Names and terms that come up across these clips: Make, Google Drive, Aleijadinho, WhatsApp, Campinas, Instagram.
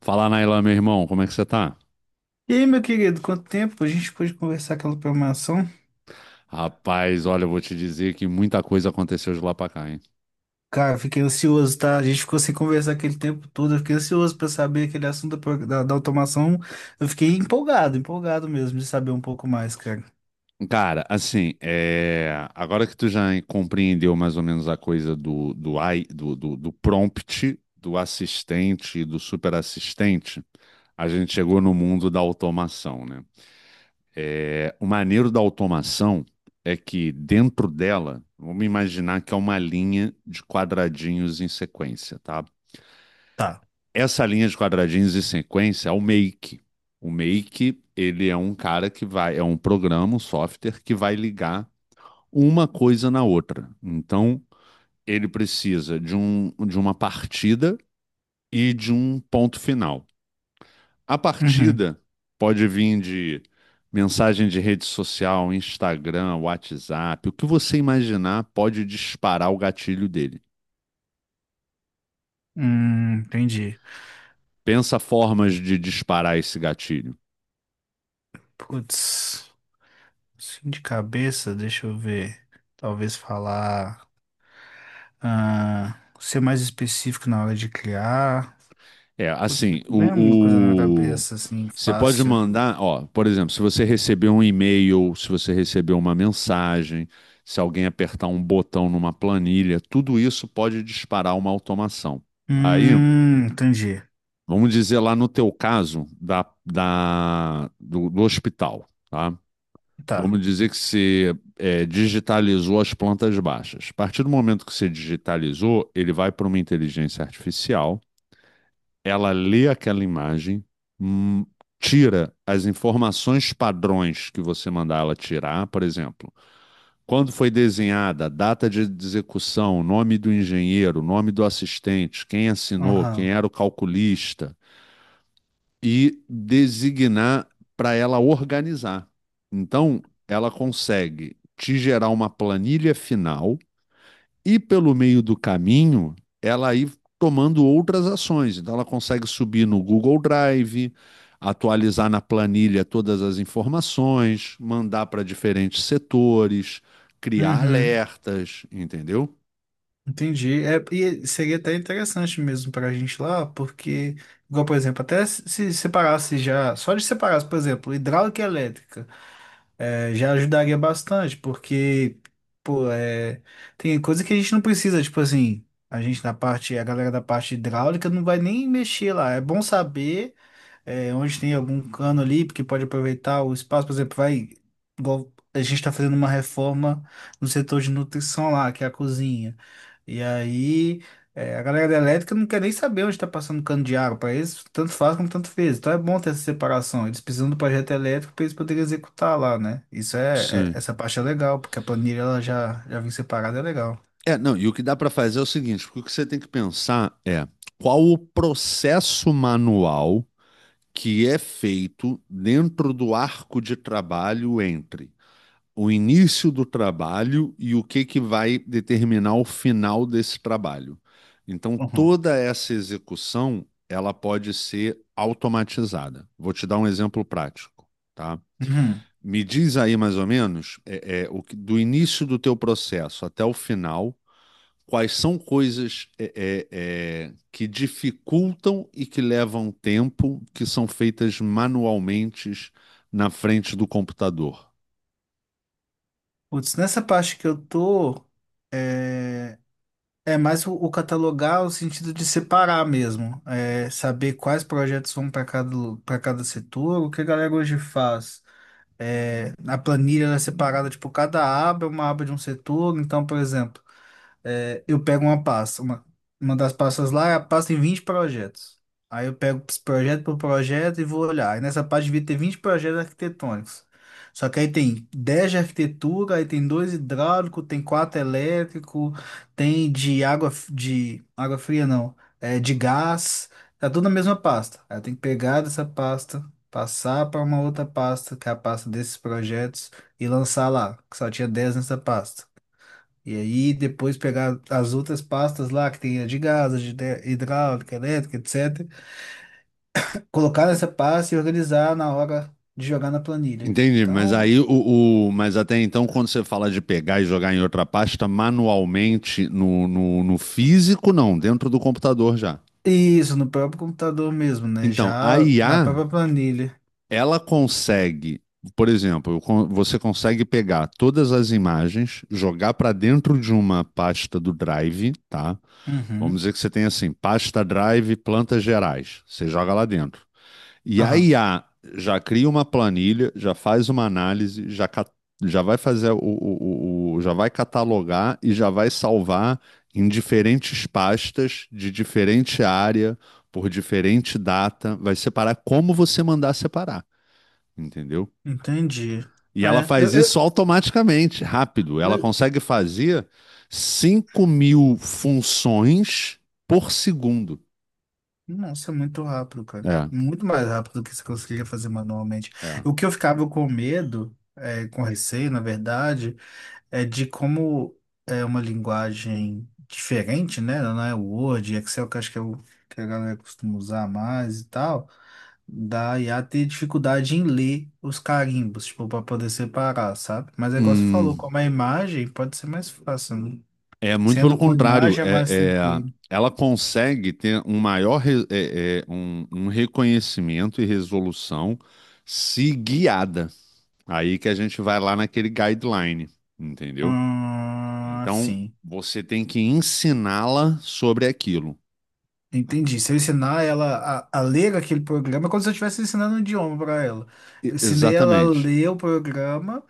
Fala, Nailan, meu irmão, como é que você tá? E aí, meu querido, quanto tempo? A gente pôde conversar aquela programação? Rapaz, olha, eu vou te dizer que muita coisa aconteceu de lá pra cá, hein? Cara, fiquei ansioso, tá? A gente ficou sem conversar aquele tempo todo. Eu fiquei ansioso pra saber aquele assunto da automação. Eu fiquei empolgado, empolgado mesmo de saber um pouco mais, cara. Cara, assim, é, agora que tu já compreendeu mais ou menos a coisa AI do prompt, do assistente e do superassistente, a gente chegou no mundo da automação, né? É, o maneiro da automação é que dentro dela, vamos imaginar que é uma linha de quadradinhos em sequência, tá? Tá. Essa linha de quadradinhos e sequência é o Make. O Make, ele é um cara que vai, é um programa, um software que vai ligar uma coisa na outra. Então, ele precisa de, um, de uma partida e de um ponto final. A Uhum. partida pode vir de mensagem de rede social, Instagram, WhatsApp, o que você imaginar pode disparar o gatilho dele. Entendi. Pensa formas de disparar esse gatilho. Putz, assim de cabeça, deixa eu ver. Talvez falar. Ah, ser mais específico na hora de criar. É, Putz, assim, não vem alguma coisa na minha cabeça assim, você pode fácil. mandar, ó, por exemplo, se você receber um e-mail, se você receber uma mensagem, se alguém apertar um botão numa planilha, tudo isso pode disparar uma automação. Aí, Entendi. vamos dizer lá no teu caso do hospital, tá? Tá. Vamos dizer que você é, digitalizou as plantas baixas. A partir do momento que você digitalizou, ele vai para uma inteligência artificial, ela lê aquela imagem, hum, tira as informações padrões que você mandar ela tirar, por exemplo, quando foi desenhada, data de execução, nome do engenheiro, nome do assistente, quem assinou, quem Aham. era o calculista, e designar para ela organizar. Então, ela consegue te gerar uma planilha final e pelo meio do caminho, ela aí tomando outras ações. Então, ela consegue subir no Google Drive, atualizar na planilha todas as informações, mandar para diferentes setores, criar Uhum. alertas, entendeu? Entendi. É, e seria até interessante mesmo para a gente lá, porque, igual, por exemplo, até se separasse já, só de separasse, por exemplo, hidráulica e elétrica, é, já ajudaria bastante, porque, pô, é, tem coisa que a gente não precisa, tipo assim, a gente na parte, a galera da parte hidráulica não vai nem mexer lá. É bom saber. É, onde tem algum cano ali, porque pode aproveitar o espaço, por exemplo, vai, igual a gente está fazendo uma reforma no setor de nutrição lá, que é a cozinha. E aí, é, a galera da elétrica não quer nem saber onde está passando cano de água, para eles tanto faz como tanto fez. Então é bom ter essa separação. Eles precisam do projeto elétrico para eles poderem executar lá, né? Isso é, Sim. essa parte é legal, porque a planilha ela já, já vem separada, é legal. É, não, e o que dá para fazer é o seguinte, porque o que você tem que pensar é qual o processo manual que é feito dentro do arco de trabalho entre o início do trabalho e o que que vai determinar o final desse trabalho. Então, Uhum. toda essa execução, ela pode ser automatizada. Vou te dar um exemplo prático, tá? Uhum. Me diz aí mais ou menos o do início do teu processo até o final, quais são coisas que dificultam e que levam tempo, que são feitas manualmente na frente do computador. Putz, nessa parte que eu tô. é, É mais o catalogar, o sentido de separar mesmo, é, saber quais projetos vão para cada setor, o que a galera hoje faz. É, a planilha ela é separada, tipo, cada aba é uma aba de um setor, então, por exemplo. É, eu pego uma pasta, uma das pastas lá, a pasta tem 20 projetos. Aí eu pego esse projeto por projeto e vou olhar. Aí nessa parte devia ter 20 projetos arquitetônicos. Só que aí tem 10 de arquitetura, aí tem 2 hidráulico, tem 4 elétrico, tem de água, de água fria não, é de gás, tá tudo na mesma pasta. Aí eu tenho que pegar dessa pasta, passar para uma outra pasta, que é a pasta desses projetos, e lançar lá, que só tinha 10 nessa pasta. E aí depois pegar as outras pastas lá, que tem a de gás, a de hidráulica, elétrica, etc. Colocar nessa pasta e organizar na hora de jogar na planilha. Entendi, mas Então, aí mas até então, quando você fala de pegar e jogar em outra pasta manualmente no físico, não, dentro do computador já. isso, no próprio computador mesmo, né? Então, a Já na IA, própria planilha. ela consegue, por exemplo, você consegue pegar todas as imagens, jogar para dentro de uma pasta do Drive, tá? Vamos Uhum. dizer que você tem assim, pasta Drive, plantas gerais. Você joga lá dentro. E a Aham, IA já cria uma planilha, já faz uma análise, já vai fazer já vai catalogar e já vai salvar em diferentes pastas de diferente área, por diferente data, vai separar como você mandar separar, entendeu? entendi. E ela É, eu, faz eu... isso automaticamente, rápido. Ela pois- consegue fazer 5.000 funções por segundo. Nossa, é muito rápido, cara. É, Muito mais rápido do que você conseguiria fazer manualmente. é. O que eu ficava com medo, com receio, na verdade, é de como é uma linguagem diferente, né? Não é o Word, Excel, que acho que é o que a galera costuma usar mais e tal. Da IA ter dificuldade em ler os carimbos, tipo, para poder separar, sabe? Mas é igual você falou, Hum, como é imagem, pode ser mais fácil, né? É muito pelo Sendo com contrário, imagem é mais tranquilo. ela consegue ter um maior um reconhecimento e resolução se guiada. Aí que a gente vai lá naquele guideline, entendeu? Ah, Então sim. você tem que ensiná-la sobre aquilo. Entendi. Se eu ensinar ela a ler aquele programa, é como se eu estivesse ensinando um idioma para ela. Eu E, ensinei ela a exatamente. ler o programa,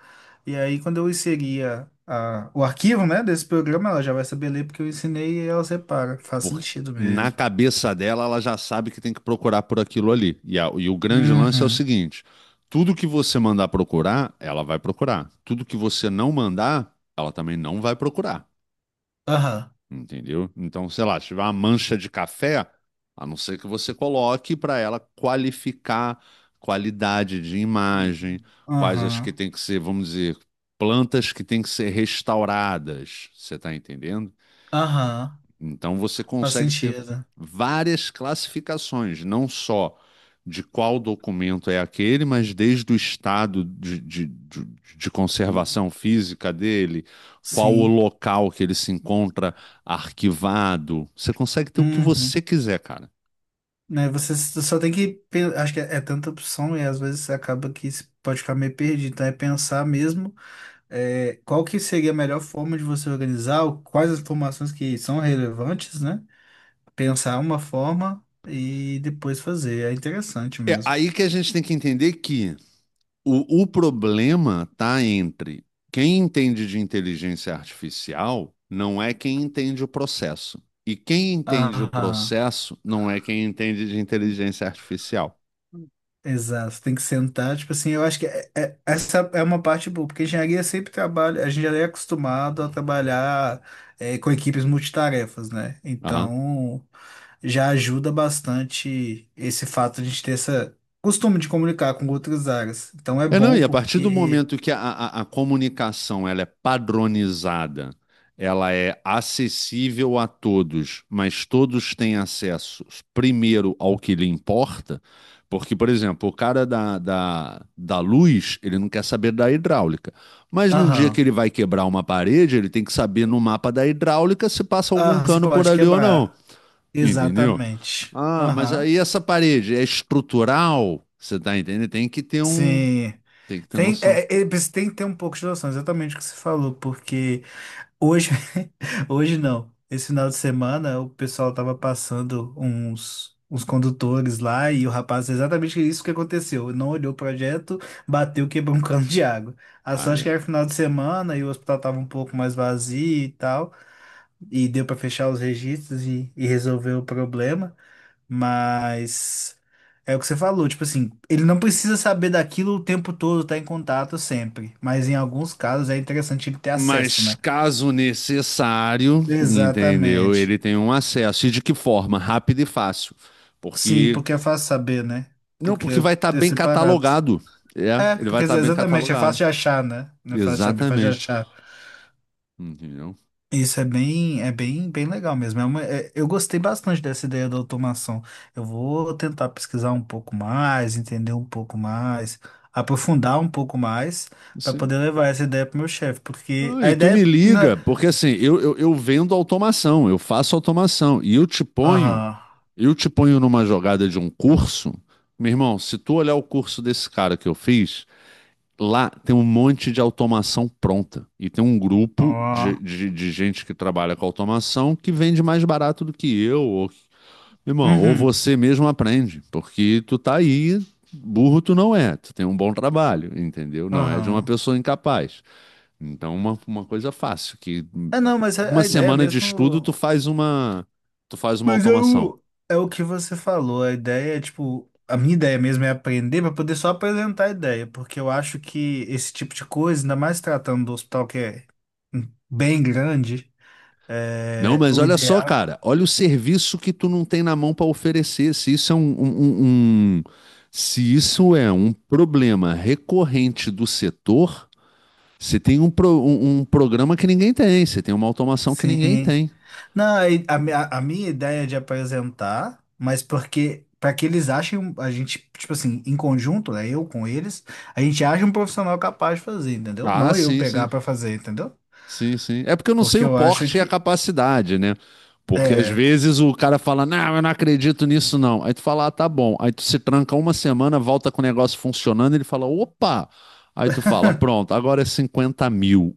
e aí quando eu inseria o arquivo, né, desse programa, ela já vai saber ler porque eu ensinei e ela separa. Faz Porque sentido na mesmo. cabeça dela, ela já sabe que tem que procurar por aquilo ali. E, e o grande lance é o Uhum. seguinte: tudo que você mandar procurar, ela vai procurar. Tudo que você não mandar, ela também não vai procurar. Aham. Entendeu? Então, sei lá, se tiver uma mancha de café, a não ser que você coloque para ela qualificar qualidade de Uhum. imagem, quais as que Aham. tem que ser, vamos dizer, plantas que tem que ser restauradas. Você está entendendo? Aham. Então você Faz consegue ter sentido. várias classificações, não só de qual documento é aquele, mas desde o estado de Uhum. conservação física dele, qual o Sim. local que ele se encontra arquivado. Você consegue ter o que Uhum. você quiser, cara. Né, você só tem que. Acho que é tanta opção e às vezes você acaba que pode ficar meio perdido. Então é pensar mesmo. Qual que seria a melhor forma de você organizar, quais as informações que são relevantes, né? Pensar uma forma e depois fazer. É interessante É mesmo. aí que a gente tem que entender que o problema está entre quem entende de inteligência artificial não é quem entende o processo. E quem entende o Ah, processo não é quem entende de inteligência artificial. exato. Tem que sentar, tipo assim, eu acho que essa é uma parte boa, porque engenharia sempre trabalha, a gente já é acostumado a trabalhar com equipes multitarefas, né? Aham. Então, já ajuda bastante esse fato de a gente ter essa costume de comunicar com outras áreas. Então, é É, não, bom e a partir do porque... momento que a comunicação ela é padronizada, ela é acessível a todos, mas todos têm acesso primeiro ao que lhe importa, porque, por exemplo, o cara da luz, ele não quer saber da hidráulica, mas num dia que Aham. ele vai quebrar uma parede, ele tem que saber no mapa da hidráulica se passa algum Ah, se cano por pode ali ou não, quebrar. entendeu? Exatamente. Ah, mas Aham. aí essa parede é estrutural, você tá entendendo? Tem que ter um Sim. tem que ter Tem, noção. Você tem que ter um pouco de noção, exatamente o que você falou, porque hoje, hoje não. Esse final de semana o pessoal tava passando uns condutores lá e o rapaz, exatamente isso que aconteceu. Não olhou o projeto, bateu, quebrou um cano de água. A Ah, sorte é. que era final de semana e o hospital tava um pouco mais vazio e tal, e deu para fechar os registros e resolver o problema. Mas é o que você falou, tipo assim, ele não precisa saber daquilo o tempo todo, tá em contato sempre. Mas em alguns casos é interessante ele ter acesso, Mas né? caso necessário, entendeu? Exatamente. Ele tem um acesso. E de que forma? Rápido e fácil. Sim, Porque. porque é fácil saber, né? Não, Porque porque vai estar é bem separado. catalogado. É, É, ele vai porque estar bem exatamente, é fácil catalogado. de achar, né? Não é fácil de saber, é fácil de Exatamente. achar. Entendeu? Isso é bem legal mesmo. Eu gostei bastante dessa ideia da automação. Eu vou tentar pesquisar um pouco mais, entender um pouco mais, aprofundar um pouco mais para Sim. poder levar essa ideia pro meu chefe, porque Ah, a e tu me ideia na... liga, porque assim, eu vendo automação, eu faço automação. E Aham. eu te ponho numa jogada de um curso. Meu irmão, se tu olhar o curso desse cara que eu fiz. Lá tem um monte de automação pronta. E tem um grupo Ó. De gente que trabalha com automação que vende mais barato do que eu. Ou, irmão, ou Uhum. você mesmo aprende, porque tu tá aí, burro tu não é, tu tem um bom trabalho, entendeu? Não é de uma Aham. pessoa incapaz. Então, uma coisa fácil, que É, não, mas a, uma a ideia semana de estudo mesmo. Tu faz uma Mas é automação. o que você falou. A ideia é tipo. A minha ideia mesmo é aprender para poder só apresentar a ideia, porque eu acho que esse tipo de coisa, ainda mais tratando do hospital que é bem grande, Não, é, mas o olha só, ideal, cara, olha o serviço que tu não tem na mão para oferecer. Se isso é um- se isso é um problema recorrente do setor, você tem um, um programa que ninguém tem, você tem uma automação que ninguém sim. tem. Não, a minha ideia é de apresentar, mas porque para que eles achem, a gente, tipo assim, em conjunto, né, eu com eles, a gente acha um profissional capaz de fazer, entendeu? Ah, Não eu sim, pegar sim. para fazer, entendeu? Sim, sim. É porque eu não sei Porque o eu acho porte e a que capacidade, né? Porque às é. vezes o cara fala, não, eu não acredito nisso, não. Aí tu fala, ah, tá bom. Aí tu se tranca uma semana, volta com o negócio funcionando, ele fala, opa! Aí tu fala, pronto, agora é 50.000.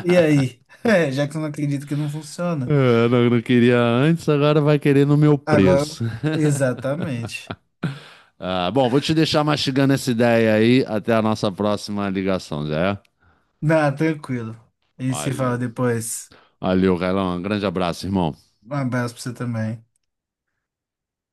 E aí? É, já que eu não acredito que não funciona. É, não, não queria antes, agora vai querer no meu Agora, preço. exatamente. Ah, bom, vou te deixar mastigando essa ideia aí. Até a nossa próxima ligação, já é? Não, tranquilo. E se fala Valeu. depois. Valeu, Carlão. Um grande abraço, irmão. Um abraço para você também.